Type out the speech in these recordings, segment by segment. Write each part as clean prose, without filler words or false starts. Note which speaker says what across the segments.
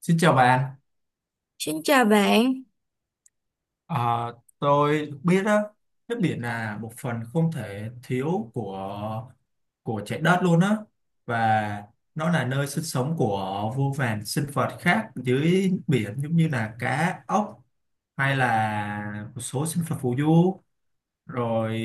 Speaker 1: Xin chào bạn.
Speaker 2: Xin chào bạn,
Speaker 1: Ờ, tôi biết đó, nước biển là một phần không thể thiếu của trái đất luôn á, và nó là nơi sinh sống của vô vàn sinh vật khác dưới biển, giống như là cá, ốc hay là một số sinh vật phù du. Rồi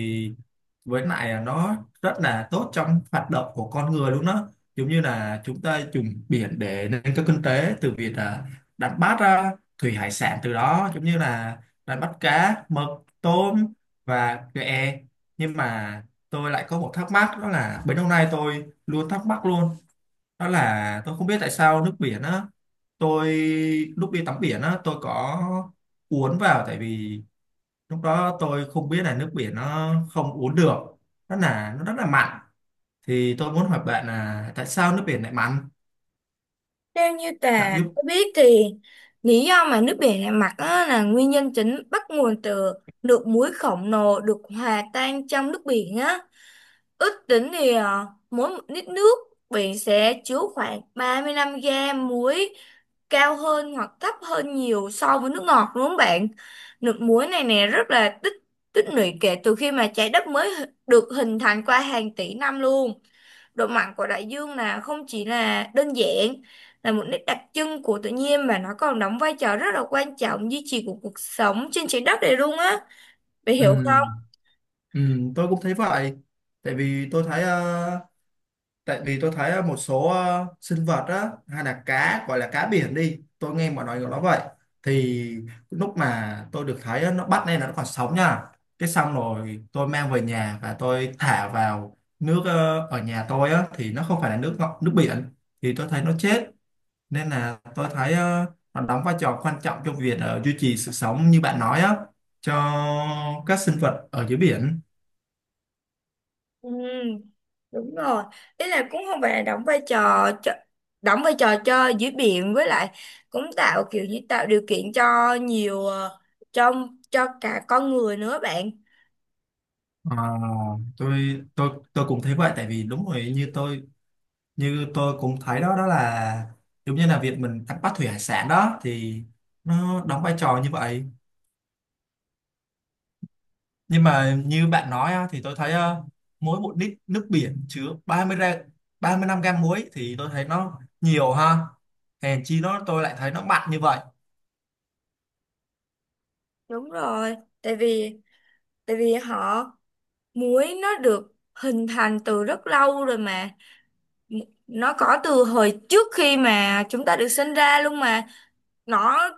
Speaker 1: với lại là nó rất là tốt trong hoạt động của con người luôn đó, giống như là chúng ta dùng biển để nâng cao kinh tế từ việc là đánh bắt à, thủy hải sản, từ đó giống như là đánh bắt cá, mực, tôm và ghẹ. Nhưng mà tôi lại có một thắc mắc, đó là bấy lâu nay tôi luôn thắc mắc luôn, đó là tôi không biết tại sao nước biển á, tôi lúc đi tắm biển á tôi có uốn vào, tại vì lúc đó tôi không biết là nước biển nó không uống được, nó là nó rất là mặn. Thì tôi muốn hỏi bạn là tại sao nước biển lại mặn,
Speaker 2: theo như
Speaker 1: bạn
Speaker 2: Tà
Speaker 1: giúp.
Speaker 2: có biết thì lý do mà nước biển lại mặn á là nguyên nhân chính bắt nguồn từ lượng muối khổng lồ được hòa tan trong nước biển á. Ước tính thì mỗi một lít nước biển sẽ chứa khoảng 35 gram muối, cao hơn hoặc thấp hơn nhiều so với nước ngọt, đúng không bạn? Nước muối này nè rất là tích tích lũy kể từ khi mà trái đất mới được hình thành qua hàng tỷ năm luôn. Độ mặn của đại dương là không chỉ là đơn giản là một nét đặc trưng của tự nhiên, mà nó còn đóng vai trò rất là quan trọng duy trì của cuộc sống trên trái đất này luôn á. Bạn
Speaker 1: Ừ,
Speaker 2: hiểu không?
Speaker 1: ừ, tôi cũng thấy vậy. Tại vì tôi thấy tại vì tôi thấy một số sinh vật á, hay là cá gọi là cá biển đi, tôi nghe mọi người gọi nó vậy. Thì lúc mà tôi được thấy á, nó bắt lên là nó còn sống nha, cái xong rồi tôi mang về nhà và tôi thả vào nước ở nhà tôi á, thì nó không phải là nước ngọt, nước biển, thì tôi thấy nó chết. Nên là tôi thấy nó đóng vai trò quan trọng trong việc duy trì sự sống như bạn nói á, cho các sinh vật ở dưới biển.
Speaker 2: Ừ, đúng rồi, ý là cũng không phải là đóng vai trò cho dưới biển, với lại cũng tạo kiểu như tạo điều kiện cho nhiều cho cho cả con người nữa bạn.
Speaker 1: Ờ, tôi cũng thấy vậy, tại vì đúng rồi, như tôi cũng thấy đó, đó là giống như là việc mình đánh bắt thủy hải sản đó, thì nó đóng vai trò như vậy. Nhưng mà như bạn nói á, thì tôi thấy mỗi một lít nước biển chứa 30 ra 35 gram muối, thì tôi thấy nó nhiều ha, hèn chi nó tôi lại thấy nó mặn như vậy.
Speaker 2: Đúng rồi, tại vì tại vì muối nó được hình thành từ rất lâu rồi mà, nó có từ hồi trước khi mà chúng ta được sinh ra luôn mà. nó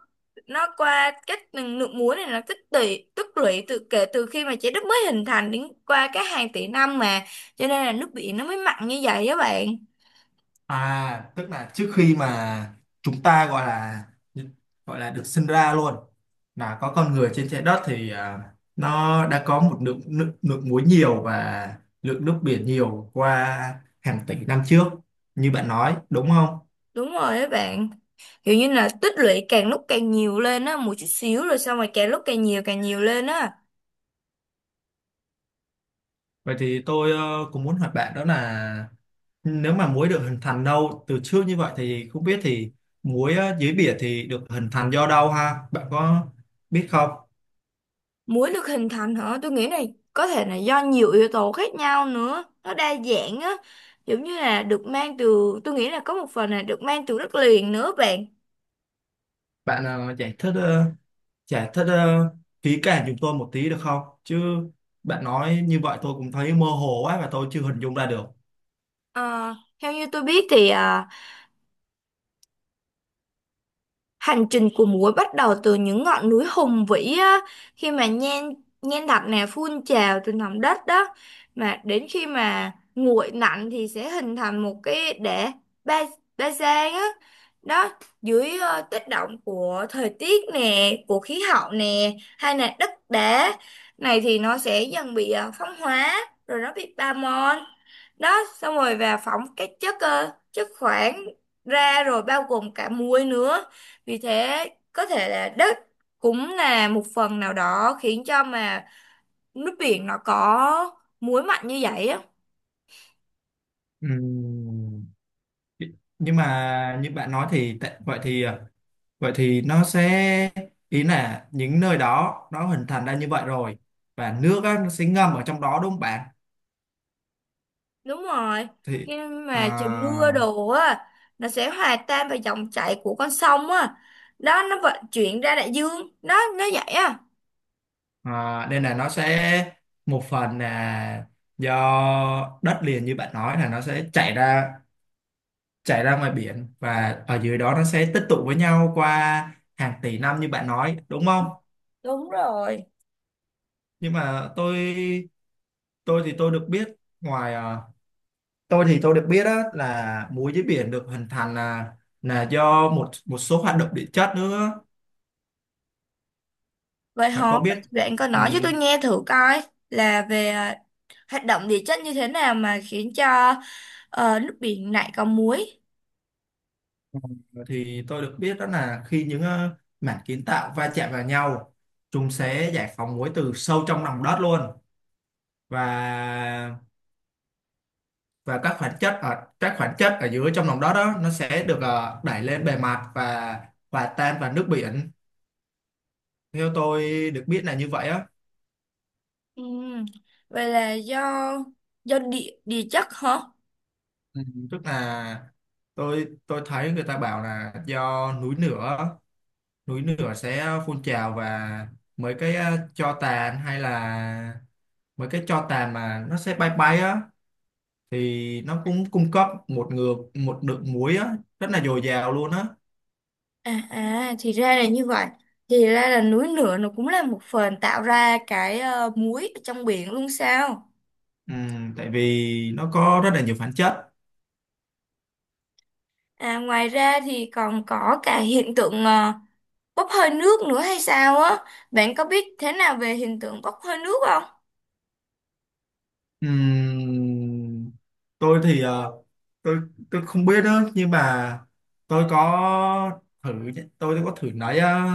Speaker 2: nó qua cách nước muối này nó tích tụ, tích lũy kể từ khi mà trái đất mới hình thành đến qua các hàng tỷ năm mà, cho nên là nước biển nó mới mặn như vậy đó bạn.
Speaker 1: À, tức là trước khi mà chúng ta gọi là được sinh ra luôn, là có con người trên trái đất, thì à, nó đã có một lượng, lượng muối nhiều và lượng nước biển nhiều qua hàng tỷ năm trước như bạn nói, đúng không?
Speaker 2: Đúng rồi đó bạn, kiểu như là tích lũy càng lúc càng nhiều lên á, một chút xíu rồi xong rồi càng lúc càng nhiều, càng nhiều lên á.
Speaker 1: Vậy thì tôi cũng muốn hỏi bạn đó là nếu mà muối được hình thành đâu từ trước như vậy, thì không biết thì muối dưới biển thì được hình thành do đâu ha? Bạn có biết không?
Speaker 2: Muối được hình thành hả? Tôi nghĩ này có thể là do nhiều yếu tố khác nhau nữa. Nó đa dạng á. Giống như là tôi nghĩ là có một phần là được mang từ đất liền nữa bạn.
Speaker 1: Bạn giải thích giải thích ờ, kỹ càng giùm tôi một tí được không? Chứ bạn nói như vậy tôi cũng thấy mơ hồ quá và tôi chưa hình dung ra được.
Speaker 2: Ờ, Theo như tôi biết thì hành trình của muối bắt đầu từ những ngọn núi hùng vĩ á, khi mà nhen nhen đặc nè phun trào từ lòng đất đó, mà đến khi mà nguội lạnh thì sẽ hình thành một cái đẻ ba ba giang á. Đó, dưới tác động của thời tiết nè, của khí hậu nè, hay là đất đá này thì nó sẽ dần bị phong hóa, rồi nó bị ba mòn đó, xong rồi và phóng chất khoáng ra rồi, bao gồm cả muối nữa. Vì thế có thể là đất cũng là một phần nào đó khiến cho mà nước biển nó có muối mạnh như vậy á.
Speaker 1: Ừm, Nhưng mà như bạn nói thì vậy thì vậy thì nó sẽ, ý là những nơi đó nó hình thành ra như vậy rồi, và nước á, nó sẽ ngâm ở trong đó đúng không bạn?
Speaker 2: Đúng rồi.
Speaker 1: Thì
Speaker 2: Khi
Speaker 1: à,
Speaker 2: mà trời mưa đồ á, nó sẽ hòa tan vào dòng chảy của con sông á. Đó, nó vận chuyển ra đại dương. Đó, nó vậy á.
Speaker 1: à, nên là nó sẽ một phần là do đất liền, như bạn nói là nó sẽ chảy ra, chảy ra ngoài biển, và ở dưới đó nó sẽ tích tụ với nhau qua hàng tỷ năm như bạn nói đúng không.
Speaker 2: Đúng rồi.
Speaker 1: Nhưng mà tôi thì tôi được biết ngoài tôi thì tôi được biết á, là muối dưới biển được hình thành là do một một số hoạt động địa chất nữa,
Speaker 2: Vậy
Speaker 1: và
Speaker 2: hả?
Speaker 1: có
Speaker 2: Vậy
Speaker 1: biết.
Speaker 2: bạn có nói cho tôi
Speaker 1: ừm,
Speaker 2: nghe thử coi là về hoạt động địa chất như thế nào mà khiến cho nước biển lại có muối.
Speaker 1: ờ, thì tôi được biết đó là khi những mảng kiến tạo va chạm vào nhau, chúng sẽ giải phóng muối từ sâu trong lòng đất luôn. Và các khoáng chất ở dưới trong lòng đất đó, nó sẽ được đẩy lên bề mặt và hòa tan vào nước biển, theo tôi được biết là như vậy á.
Speaker 2: Ừ. Vậy là do địa địa chất hả?
Speaker 1: Ừ, tức là tôi thấy người ta bảo là do núi lửa, núi lửa sẽ phun trào, và mấy cái tro tàn hay là mấy cái tro tàn mà nó sẽ bay bay á, thì nó cũng cung cấp một ngược một lượng muối á, rất là dồi dào luôn á.
Speaker 2: À, thì ra là như vậy. Thì ra là núi lửa nó cũng là một phần tạo ra cái muối ở trong biển luôn sao?
Speaker 1: Tại vì nó có rất là nhiều khoáng chất.
Speaker 2: À, ngoài ra thì còn có cả hiện tượng bốc hơi nước nữa hay sao á? Bạn có biết thế nào về hiện tượng bốc hơi nước không?
Speaker 1: Ừm, tôi thì tôi tôi không biết đó, nhưng mà tôi có thử, tôi có thử lấy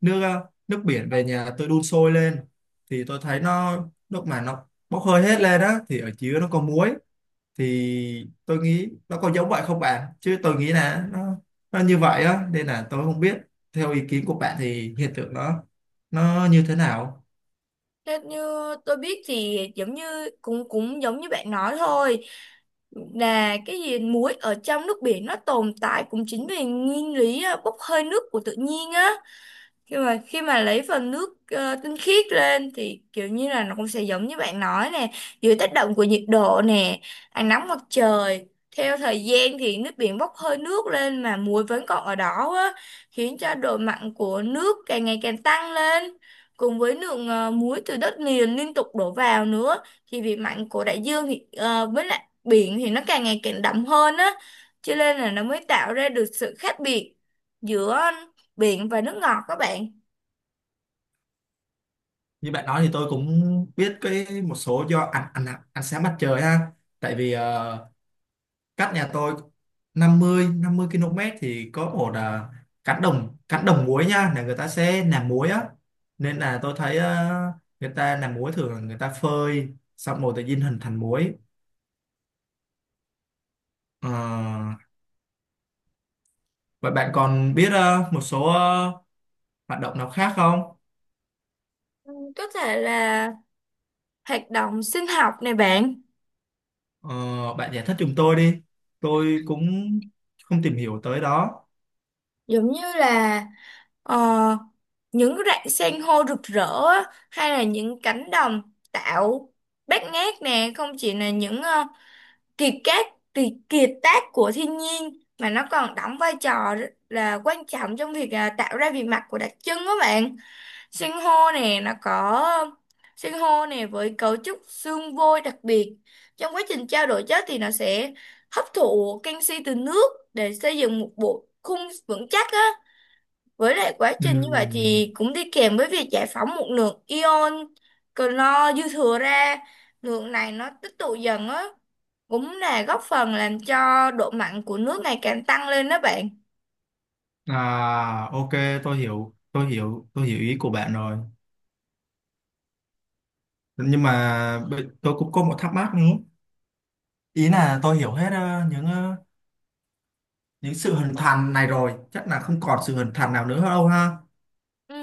Speaker 1: nước nước biển về nhà tôi đun sôi lên, thì tôi thấy nó lúc mà nó bốc hơi hết lên đó thì ở dưới nó có muối. Thì tôi nghĩ nó có giống vậy không bạn, chứ tôi nghĩ là nó như vậy á, nên là tôi không biết, theo ý kiến của bạn thì hiện tượng nó như thế nào.
Speaker 2: Theo như tôi biết thì giống như cũng cũng giống như bạn nói thôi, là cái gì muối ở trong nước biển nó tồn tại cũng chính vì nguyên lý bốc hơi nước của tự nhiên á. Khi mà lấy phần nước tinh khiết lên thì kiểu như là nó cũng sẽ giống như bạn nói nè, dưới tác động của nhiệt độ nè, ánh nắng mặt trời, theo thời gian thì nước biển bốc hơi nước lên mà muối vẫn còn ở đó á, khiến cho độ mặn của nước càng ngày càng tăng lên, cùng với lượng muối từ đất liền liên tục đổ vào nữa, thì vị mặn của đại dương thì với lại biển thì nó càng ngày càng đậm hơn á, cho nên là nó mới tạo ra được sự khác biệt giữa biển và nước ngọt các bạn.
Speaker 1: Như bạn nói thì tôi cũng biết cái một số do ăn ăn ăn sáng mặt trời ha, tại vì cách nhà tôi 50 50 km thì có một cánh đồng, cánh đồng muối nha, là người ta sẽ làm muối á. Nên là tôi thấy người ta làm muối thường là người ta phơi, xong rồi tự nhiên hình thành muối. Ờ, vậy bạn còn biết một số hoạt động nào khác không?
Speaker 2: Ừ, có thể là hoạt động sinh học này bạn,
Speaker 1: Ờ, bạn giải thích giùm tôi đi, tôi cũng không tìm hiểu tới đó.
Speaker 2: giống như là ờ, những rạn san hô rực rỡ á, hay là những cánh đồng tạo bát ngát nè, không chỉ là những kiệt tác kiệt tác của thiên nhiên, mà nó còn đóng vai trò rất là quan trọng trong việc tạo ra vị mặt của đặc trưng đó bạn. Sinh hô nè nó có sinh hô nè với cấu trúc xương vôi đặc biệt. Trong quá trình trao đổi chất thì nó sẽ hấp thụ canxi từ nước để xây dựng một bộ khung vững chắc á. Với lại quá trình như vậy
Speaker 1: Ừm.
Speaker 2: thì cũng đi kèm với việc giải phóng một lượng ion clo dư thừa ra. Lượng này nó tích tụ dần á, cũng là góp phần làm cho độ mặn của nước ngày càng tăng lên đó bạn.
Speaker 1: À, ok, tôi hiểu, tôi hiểu, tôi hiểu ý của bạn rồi. Nhưng mà tôi cũng có một thắc mắc nữa. Ý là tôi hiểu hết những những sự hình thành này rồi, chắc là không còn sự hình thành nào nữa đâu ha.
Speaker 2: Ừ,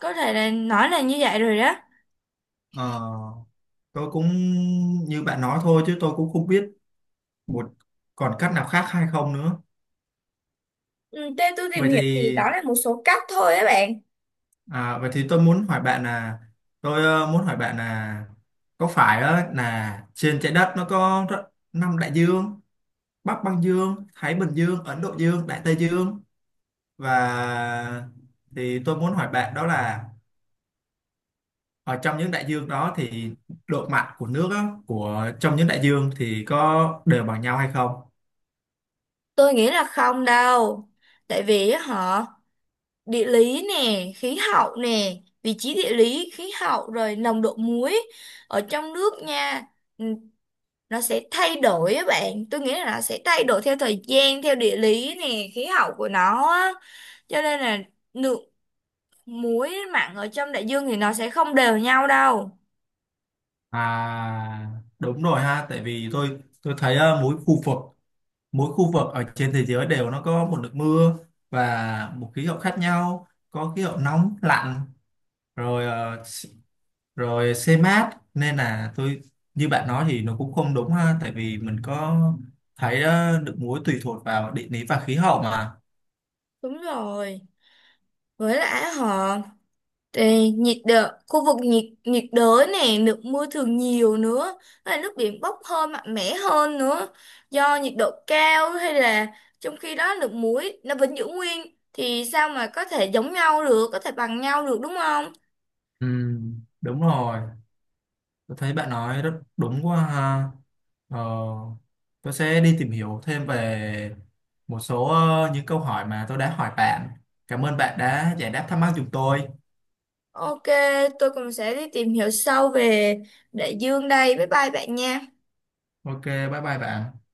Speaker 2: có thể là nói là như vậy rồi đó.
Speaker 1: Ờ, tôi cũng như bạn nói thôi, chứ tôi cũng không biết một còn cách nào khác hay không nữa.
Speaker 2: Ừ, theo tôi tìm
Speaker 1: Vậy
Speaker 2: hiểu thì
Speaker 1: thì
Speaker 2: đó là một số cách thôi á bạn.
Speaker 1: à, vậy thì tôi muốn hỏi bạn là muốn hỏi bạn là có phải là trên trái đất nó có năm đại dương: Bắc Băng Dương, Thái Bình Dương, Ấn Độ Dương, Đại Tây Dương và, thì tôi muốn hỏi bạn đó là ở trong những đại dương đó thì độ mặn của nước á, của trong những đại dương, thì có đều bằng nhau hay không?
Speaker 2: Tôi nghĩ là không đâu. Tại vì á địa lý nè, khí hậu nè, vị trí địa lý, khí hậu rồi nồng độ muối ở trong nước nha. Ừ, nó sẽ thay đổi á bạn. Tôi nghĩ là nó sẽ thay đổi theo thời gian, theo địa lý nè, khí hậu của nó á. Cho nên là lượng muối mặn ở trong đại dương thì nó sẽ không đều nhau đâu.
Speaker 1: À, đúng rồi ha, tại vì tôi thấy mỗi khu vực, mỗi khu vực ở trên thế giới đều nó có một lượng mưa và một khí hậu khác nhau, có khí hậu nóng, lạnh, rồi rồi xe mát, nên là tôi như bạn nói thì nó cũng không đúng ha, tại vì mình có thấy được muối tùy thuộc vào địa lý và khí hậu mà.
Speaker 2: Đúng rồi. Với lại đây, nhiệt đới, khu vực nhiệt nhiệt đới nè, lượng mưa thường nhiều nữa, hay là nước biển bốc hơi mạnh mẽ hơn nữa, do nhiệt độ cao, hay là trong khi đó lượng muối nó vẫn giữ nguyên, thì sao mà có thể giống nhau được, có thể bằng nhau được, đúng không?
Speaker 1: Ừ, đúng rồi, tôi thấy bạn nói rất đúng quá ha. ờ, tôi sẽ đi tìm hiểu thêm về một số những câu hỏi mà tôi đã hỏi bạn. Cảm ơn bạn đã giải đáp thắc mắc giùm tôi.
Speaker 2: Ok, tôi cũng sẽ đi tìm hiểu sâu về đại dương đây. Bye bye bạn nha.
Speaker 1: Ok, bye bye bạn.